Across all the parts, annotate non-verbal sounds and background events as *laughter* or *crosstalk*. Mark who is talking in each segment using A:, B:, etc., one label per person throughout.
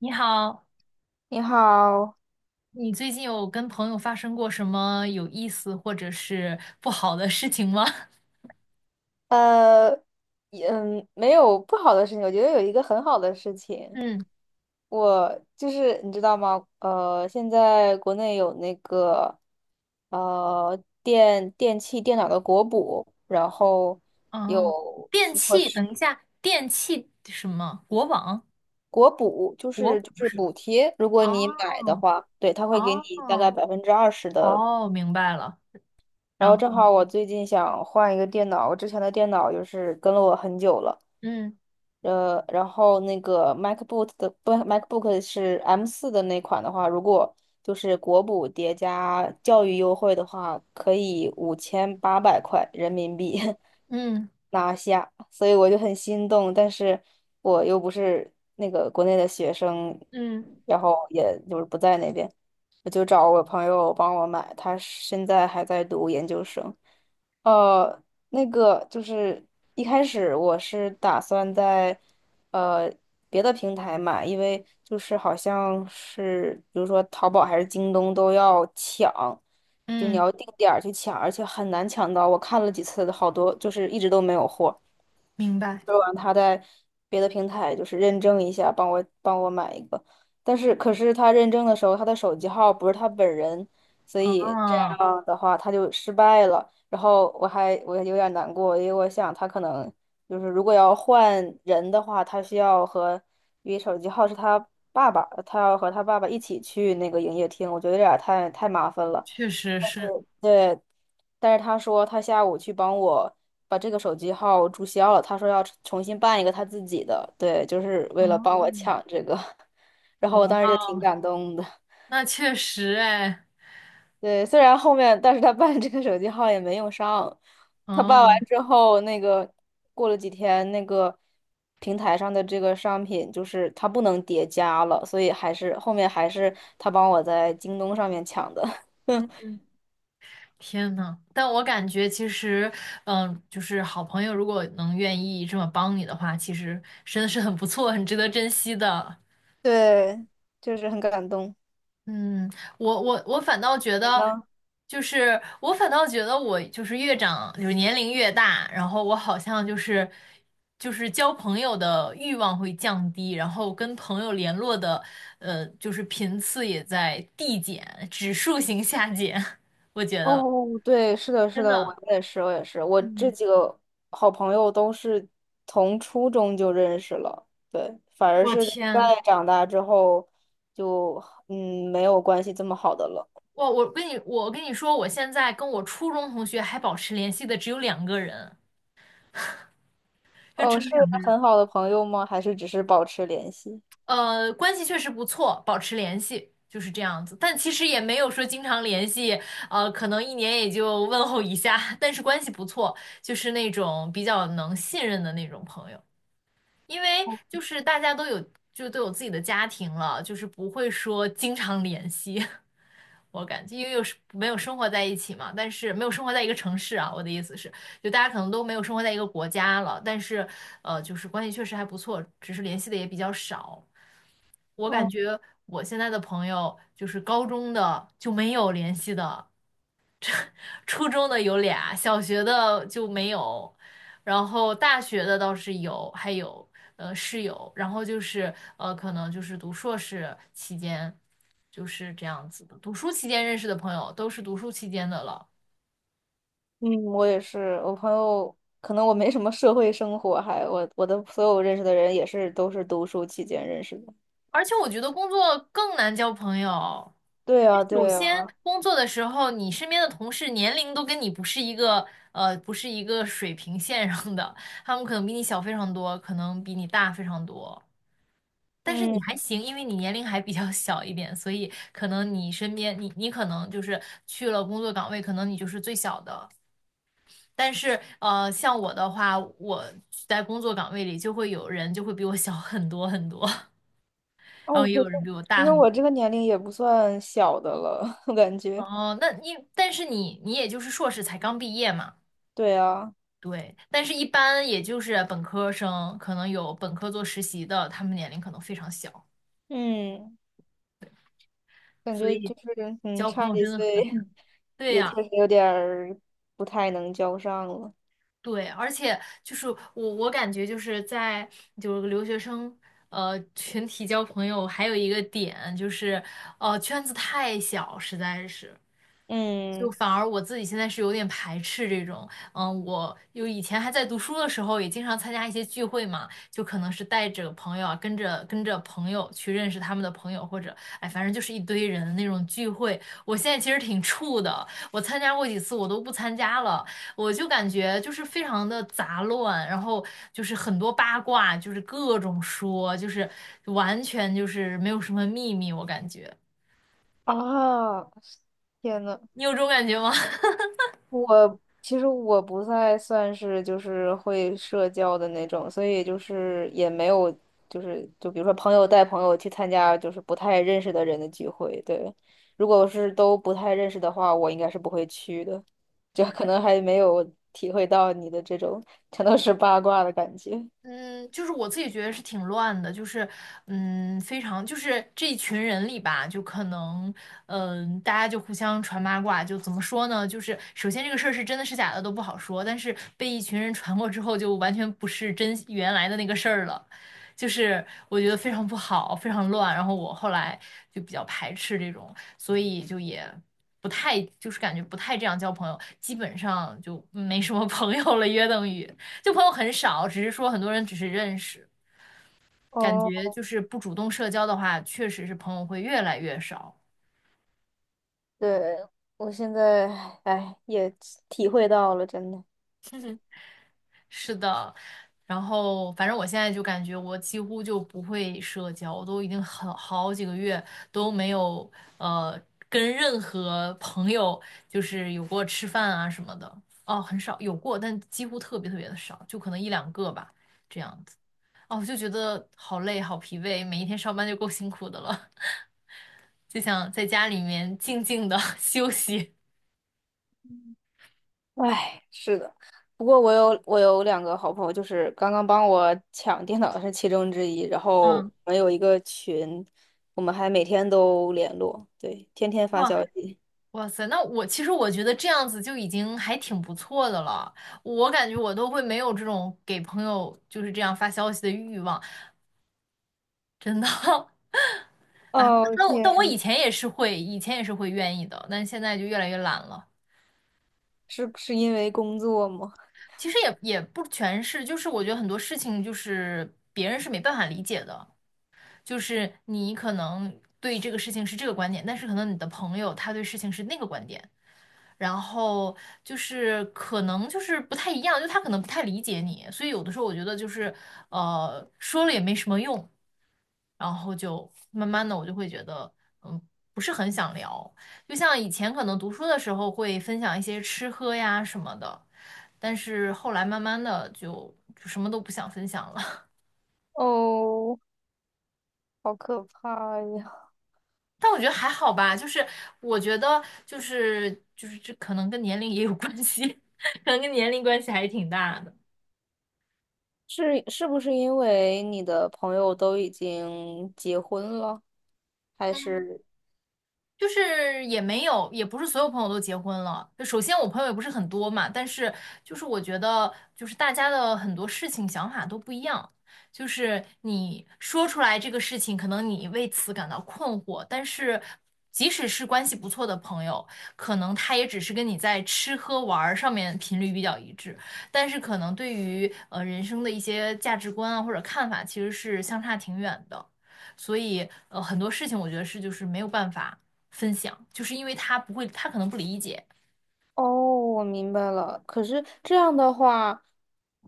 A: 你好，
B: 你好，
A: 你最近有跟朋友发生过什么有意思或者是不好的事情吗？*laughs*
B: 呃，嗯，没有不好的事情，我觉得有一个很好的事情。
A: 嗯。
B: 我就是你知道吗？现在国内有那个电器电脑的国补，然后
A: 哦，
B: 有
A: 电
B: 许可
A: 器，
B: 是
A: 等一下，电器什么？国网？
B: 国补，就
A: 国
B: 是就
A: 不
B: 是
A: 是？
B: 补贴。如果你买的
A: 哦
B: 话，对，他会给你大概
A: 哦
B: 20%的。
A: 哦，明白了。
B: 然
A: 然
B: 后
A: 后。
B: 正好我最近想换一个电脑，我之前的电脑就是跟了我很久了。
A: 嗯
B: 然后那个 MacBook 的，不， MacBook 是 M4的那款的话，如果就是国补叠加教育优惠的话，可以5800块人民币
A: 嗯
B: *laughs* 拿下，所以我就很心动。但是我又不是那个国内的学生，
A: 嗯
B: 然后也就是不在那边。我就找我朋友帮我买，他现在还在读研究生。呃，那个就是一开始我是打算在呃别的平台买，因为就是好像是比如说淘宝还是京东都要抢，就你
A: 嗯，
B: 要定点儿去抢，而且很难抢到。我看了几次，好多就是一直都没有货。
A: 明白。
B: 说完他在别的平台就是认证一下，帮我买一个。但是可是他认证的时候，他的手机号不是他本人，所以这样
A: 嗯，
B: 的话他就失败了。然后我有点难过，因为我想他可能就是如果要换人的话，他需要和因为手机号是他爸爸，他要和他爸爸一起去那个营业厅，我觉得有点儿太麻烦了。
A: 确实是。
B: 对，但是他说他下午去帮我把这个手机号注销了，他说要重新办一个他自己的。对，就是为了帮我
A: 哦。
B: 抢这个，*laughs* 然
A: 哇
B: 后我当时就挺
A: 哦，
B: 感动的。
A: 那确实哎。
B: 对，虽然后面，但是他办这个手机号也没用上。他
A: 哦。
B: 办完之后，那个过了几天，那个平台上的这个商品就是它不能叠加了，所以还是后面还是他帮我在京东上面抢的。
A: 嗯嗯。天呐，但我感觉其实，嗯，就是好朋友如果能愿意这么帮你的话，其实真的是很不错，很值得珍惜的。
B: *laughs* 对，就是很感动。
A: 嗯，我反倒觉得，就是我反倒觉得我就是越长，就是年龄越大，然后我好像就是交朋友的欲望会降低，然后跟朋友联络的，就是频次也在递减，指数型下减，*laughs* 我觉得
B: 哦，对，是的，是
A: 真
B: 的，我
A: 的。
B: 也是，我也是，我这
A: 嗯。
B: 几个好朋友都是从初中就认识了。对，反而
A: 我
B: 是在
A: 天。
B: 长大之后就没有关系这么好的了。
A: 我跟你说，我现在跟我初中同学还保持联系的只有两个人，就
B: 哦，
A: 只有
B: 是
A: 两个人。
B: 很好的朋友吗？还是只是保持联系？
A: 关系确实不错，保持联系就是这样子，但其实也没有说经常联系，可能一年也就问候一下，但是关系不错，就是那种比较能信任的那种朋友，因为就是大家都有就都有自己的家庭了，就是不会说经常联系。*laughs* 我感觉，因为有时没有生活在一起嘛，但是没有生活在一个城市啊。我的意思是，就大家可能都没有生活在一个国家了，但是就是关系确实还不错，只是联系的也比较少。我感
B: 哦，
A: 觉我现在的朋友，就是高中的就没有联系的，初中的有俩，小学的就没有，然后大学的倒是有，还有室友，然后就是可能就是读硕士期间就是这样子的，读书期间认识的朋友都是读书期间的了。
B: 嗯，我也是。我朋友可能我没什么社会生活，还我的所有认识的人也是都是读书期间认识的。
A: 而且我觉得工作更难交朋友。
B: 对呀，
A: 首
B: 对
A: 先，
B: 呀，
A: 工作的时候，你身边的同事年龄都跟你不是不是一个水平线上的，他们可能比你小非常多，可能比你大非常多。但是你还
B: 嗯。
A: 行，因为你年龄还比较小一点，所以可能你身边你可能就是去了工作岗位，可能你就是最小的。但是像我的话，我在工作岗位里就会有人就会比我小很多很多，*laughs* 然后
B: 哦，
A: 也
B: 可
A: 有
B: 是
A: 人比我
B: 其
A: 大
B: 实
A: 很
B: 我
A: 多。
B: 这个年龄也不算小的了，*laughs* 我感觉。
A: 哦，那你但是你也就是硕士才刚毕业嘛，
B: 对啊，
A: 对。但是一般也就是本科生，可能有本科做实习的，他们年龄可能非常小，
B: 嗯，感
A: 所
B: 觉
A: 以
B: 就是
A: 交朋
B: 差
A: 友
B: 几
A: 真的
B: 岁
A: 很。
B: *laughs*
A: 对
B: 也
A: 呀、
B: 确实有点儿不太能交上了。
A: 对，而且就是我感觉就是在就是留学生群体交朋友，还有一个点就是，圈子太小，实在是。就
B: 嗯
A: 反而我自己现在是有点排斥这种，嗯，我有以前还在读书的时候，也经常参加一些聚会嘛，就可能是带着朋友啊，跟着朋友去认识他们的朋友，或者哎，反正就是一堆人的那种聚会。我现在其实挺怵的，我参加过几次，我都不参加了，我就感觉就是非常的杂乱，然后就是很多八卦，就是各种说，就是完全就是没有什么秘密，我感觉。
B: 啊，天呐，
A: 你有这种感觉吗？*laughs*
B: 我其实我不太算是就是会社交的那种，所以就是也没有就比如说朋友带朋友去参加就是不太认识的人的聚会，对。如果是都不太认识的话，我应该是不会去的，就可能还没有体会到你的这种全都是八卦的感觉。
A: 嗯，就是我自己觉得是挺乱的，就是嗯，非常就是这一群人里吧，就可能嗯，大家就互相传八卦，就怎么说呢？就是首先这个事儿是真的是假的都不好说，但是被一群人传过之后，就完全不是真原来的那个事儿了，就是我觉得非常不好，非常乱。然后我后来就比较排斥这种，所以就也不太就是感觉不太这样交朋友，基本上就没什么朋友了，约等于。就朋友很少，只是说很多人只是认识，感觉
B: 哦，
A: 就是不主动社交的话，确实是朋友会越来越少。
B: 对，我现在，哎，也体会到了，真的。
A: *laughs* 是的，然后反正我现在就感觉我几乎就不会社交，我都已经很好几个月都没有呃跟任何朋友就是有过吃饭啊什么的，哦，很少有过，但几乎特别特别的少，就可能一两个吧，这样子。哦，我就觉得好累，好疲惫，每一天上班就够辛苦的了。*laughs* 就想在家里面静静的 *laughs* 休息。
B: 唉，是的，不过我有两个好朋友，就是刚刚帮我抢电脑的是其中之一，然后
A: 嗯。
B: 我们有一个群，我们还每天都联络，对，天天发
A: 哇。
B: 消息。
A: 哇塞，那我其实我觉得这样子就已经还挺不错的了。我感觉我都会没有这种给朋友就是这样发消息的欲望，真的。*laughs* 哎，
B: 哦
A: 那我但我
B: 天，
A: 以前也是会，以前也是会愿意的，但现在就越来越懒了。
B: 是因为工作吗？
A: 其实也不全是，就是我觉得很多事情就是别人是没办法理解的，就是你可能对这个事情是这个观点，但是可能你的朋友他对事情是那个观点，然后就是可能就是不太一样，就他可能不太理解你，所以有的时候我觉得就是说了也没什么用，然后就慢慢的我就会觉得嗯不是很想聊，就像以前可能读书的时候会分享一些吃喝呀什么的，但是后来慢慢的就什么都不想分享了，*laughs*
B: 哦，好可怕呀！
A: 但我觉得还好吧，就是我觉得就是这可能跟年龄也有关系，*laughs* 可能跟年龄关系还挺大的。
B: 是不是因为你的朋友都已经结婚了，还是？
A: 就是也没有，也不是所有朋友都结婚了。就首先我朋友也不是很多嘛，但是就是我觉得，就是大家的很多事情想法都不一样。就是你说出来这个事情，可能你为此感到困惑，但是即使是关系不错的朋友，可能他也只是跟你在吃喝玩儿上面频率比较一致，但是可能对于人生的一些价值观啊或者看法，其实是相差挺远的。所以很多事情我觉得是就是没有办法。分享，就是因为他不会，他可能不理解。
B: 哦，我明白了。可是这样的话，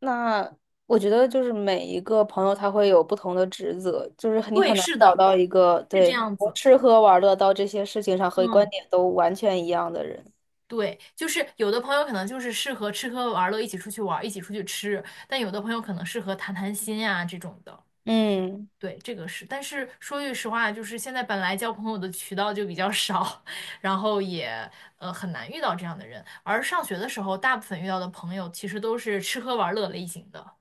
B: 那我觉得就是每一个朋友他会有不同的职责，就是你
A: 对，
B: 很难
A: 是
B: 找
A: 的，
B: 到一个
A: 是这
B: 对
A: 样
B: 从
A: 子。
B: 吃喝玩乐到这些事情上和观
A: 嗯，
B: 点都完全一样的人。
A: 对，就是有的朋友可能就是适合吃喝玩乐，一起出去玩，一起出去吃，但有的朋友可能适合谈谈心呀、这种的。
B: 嗯，
A: 对，这个是，但是说句实话，就是现在本来交朋友的渠道就比较少，*laughs* 然后也很难遇到这样的人。而上学的时候，大部分遇到的朋友其实都是吃喝玩乐类型的。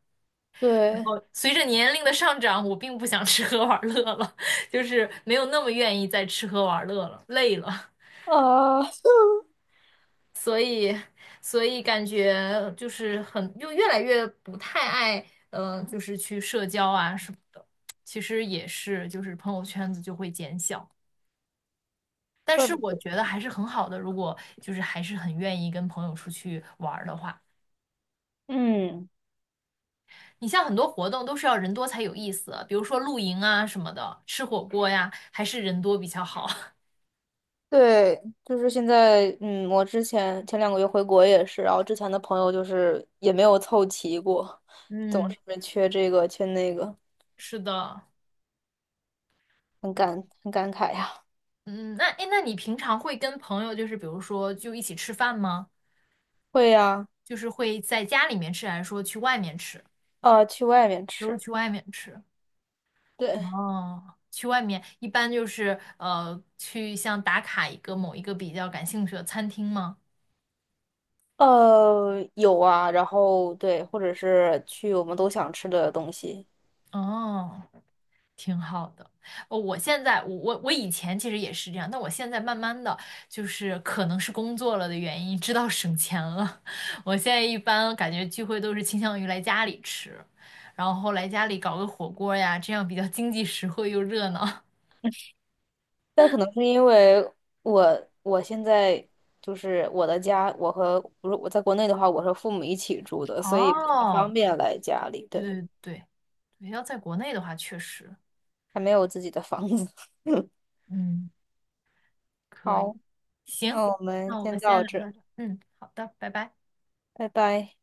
A: 然
B: 对，
A: 后随着年龄的上涨，我并不想吃喝玩乐了，*laughs* 就是没有那么愿意再吃喝玩乐了，累了，
B: 啊、*laughs*
A: 所以，所以感觉就是很，就越来越不太爱，就是去社交啊什么的。其实也是，就是朋友圈子就会减小，但
B: 怪
A: 是
B: 不
A: 我
B: 得，
A: 觉得还是很好的，如果就是还是很愿意跟朋友出去玩儿的话。
B: 嗯，
A: 你像很多活动都是要人多才有意思，比如说露营啊什么的，吃火锅呀，还是人多比较好。*laughs*
B: 对，就是现在，嗯，我之前前2个月回国也是，然后之前的朋友就是也没有凑齐过，总
A: 嗯，
B: 是缺这个缺那个，
A: 是的，
B: 很感慨呀。
A: 嗯，那诶，那你平常会跟朋友就是比如说就一起吃饭吗？
B: 会呀、
A: 就是会在家里面吃，还是说去外面吃？
B: 去外面
A: 都是
B: 吃，
A: 去外面吃。
B: 对，
A: 哦，去外面一般就是去像打卡一个某一个比较感兴趣的餐厅吗？
B: 有啊，然后对，或者是去我们都想吃的东西。
A: 哦。挺好的。哦，我现在我以前其实也是这样，但我现在慢慢的就是可能是工作了的原因，知道省钱了。*laughs* 我现在一般感觉聚会都是倾向于来家里吃，然后来家里搞个火锅呀，这样比较经济实惠又热闹。
B: 但可能是因为我现在就是我的家，我和不是我在国内的话，我和父母一起住
A: *laughs*
B: 的，所以不太方
A: 哦，对
B: 便来家里。对，
A: 对对对，要在国内的话，确实，
B: 还没有自己的房子。*laughs*
A: 嗯，可以，
B: 好，
A: 行，
B: 那我们
A: 那我们
B: 先
A: 先
B: 到
A: 聊
B: 这，
A: 到这儿嗯，好的，拜拜。
B: 拜拜。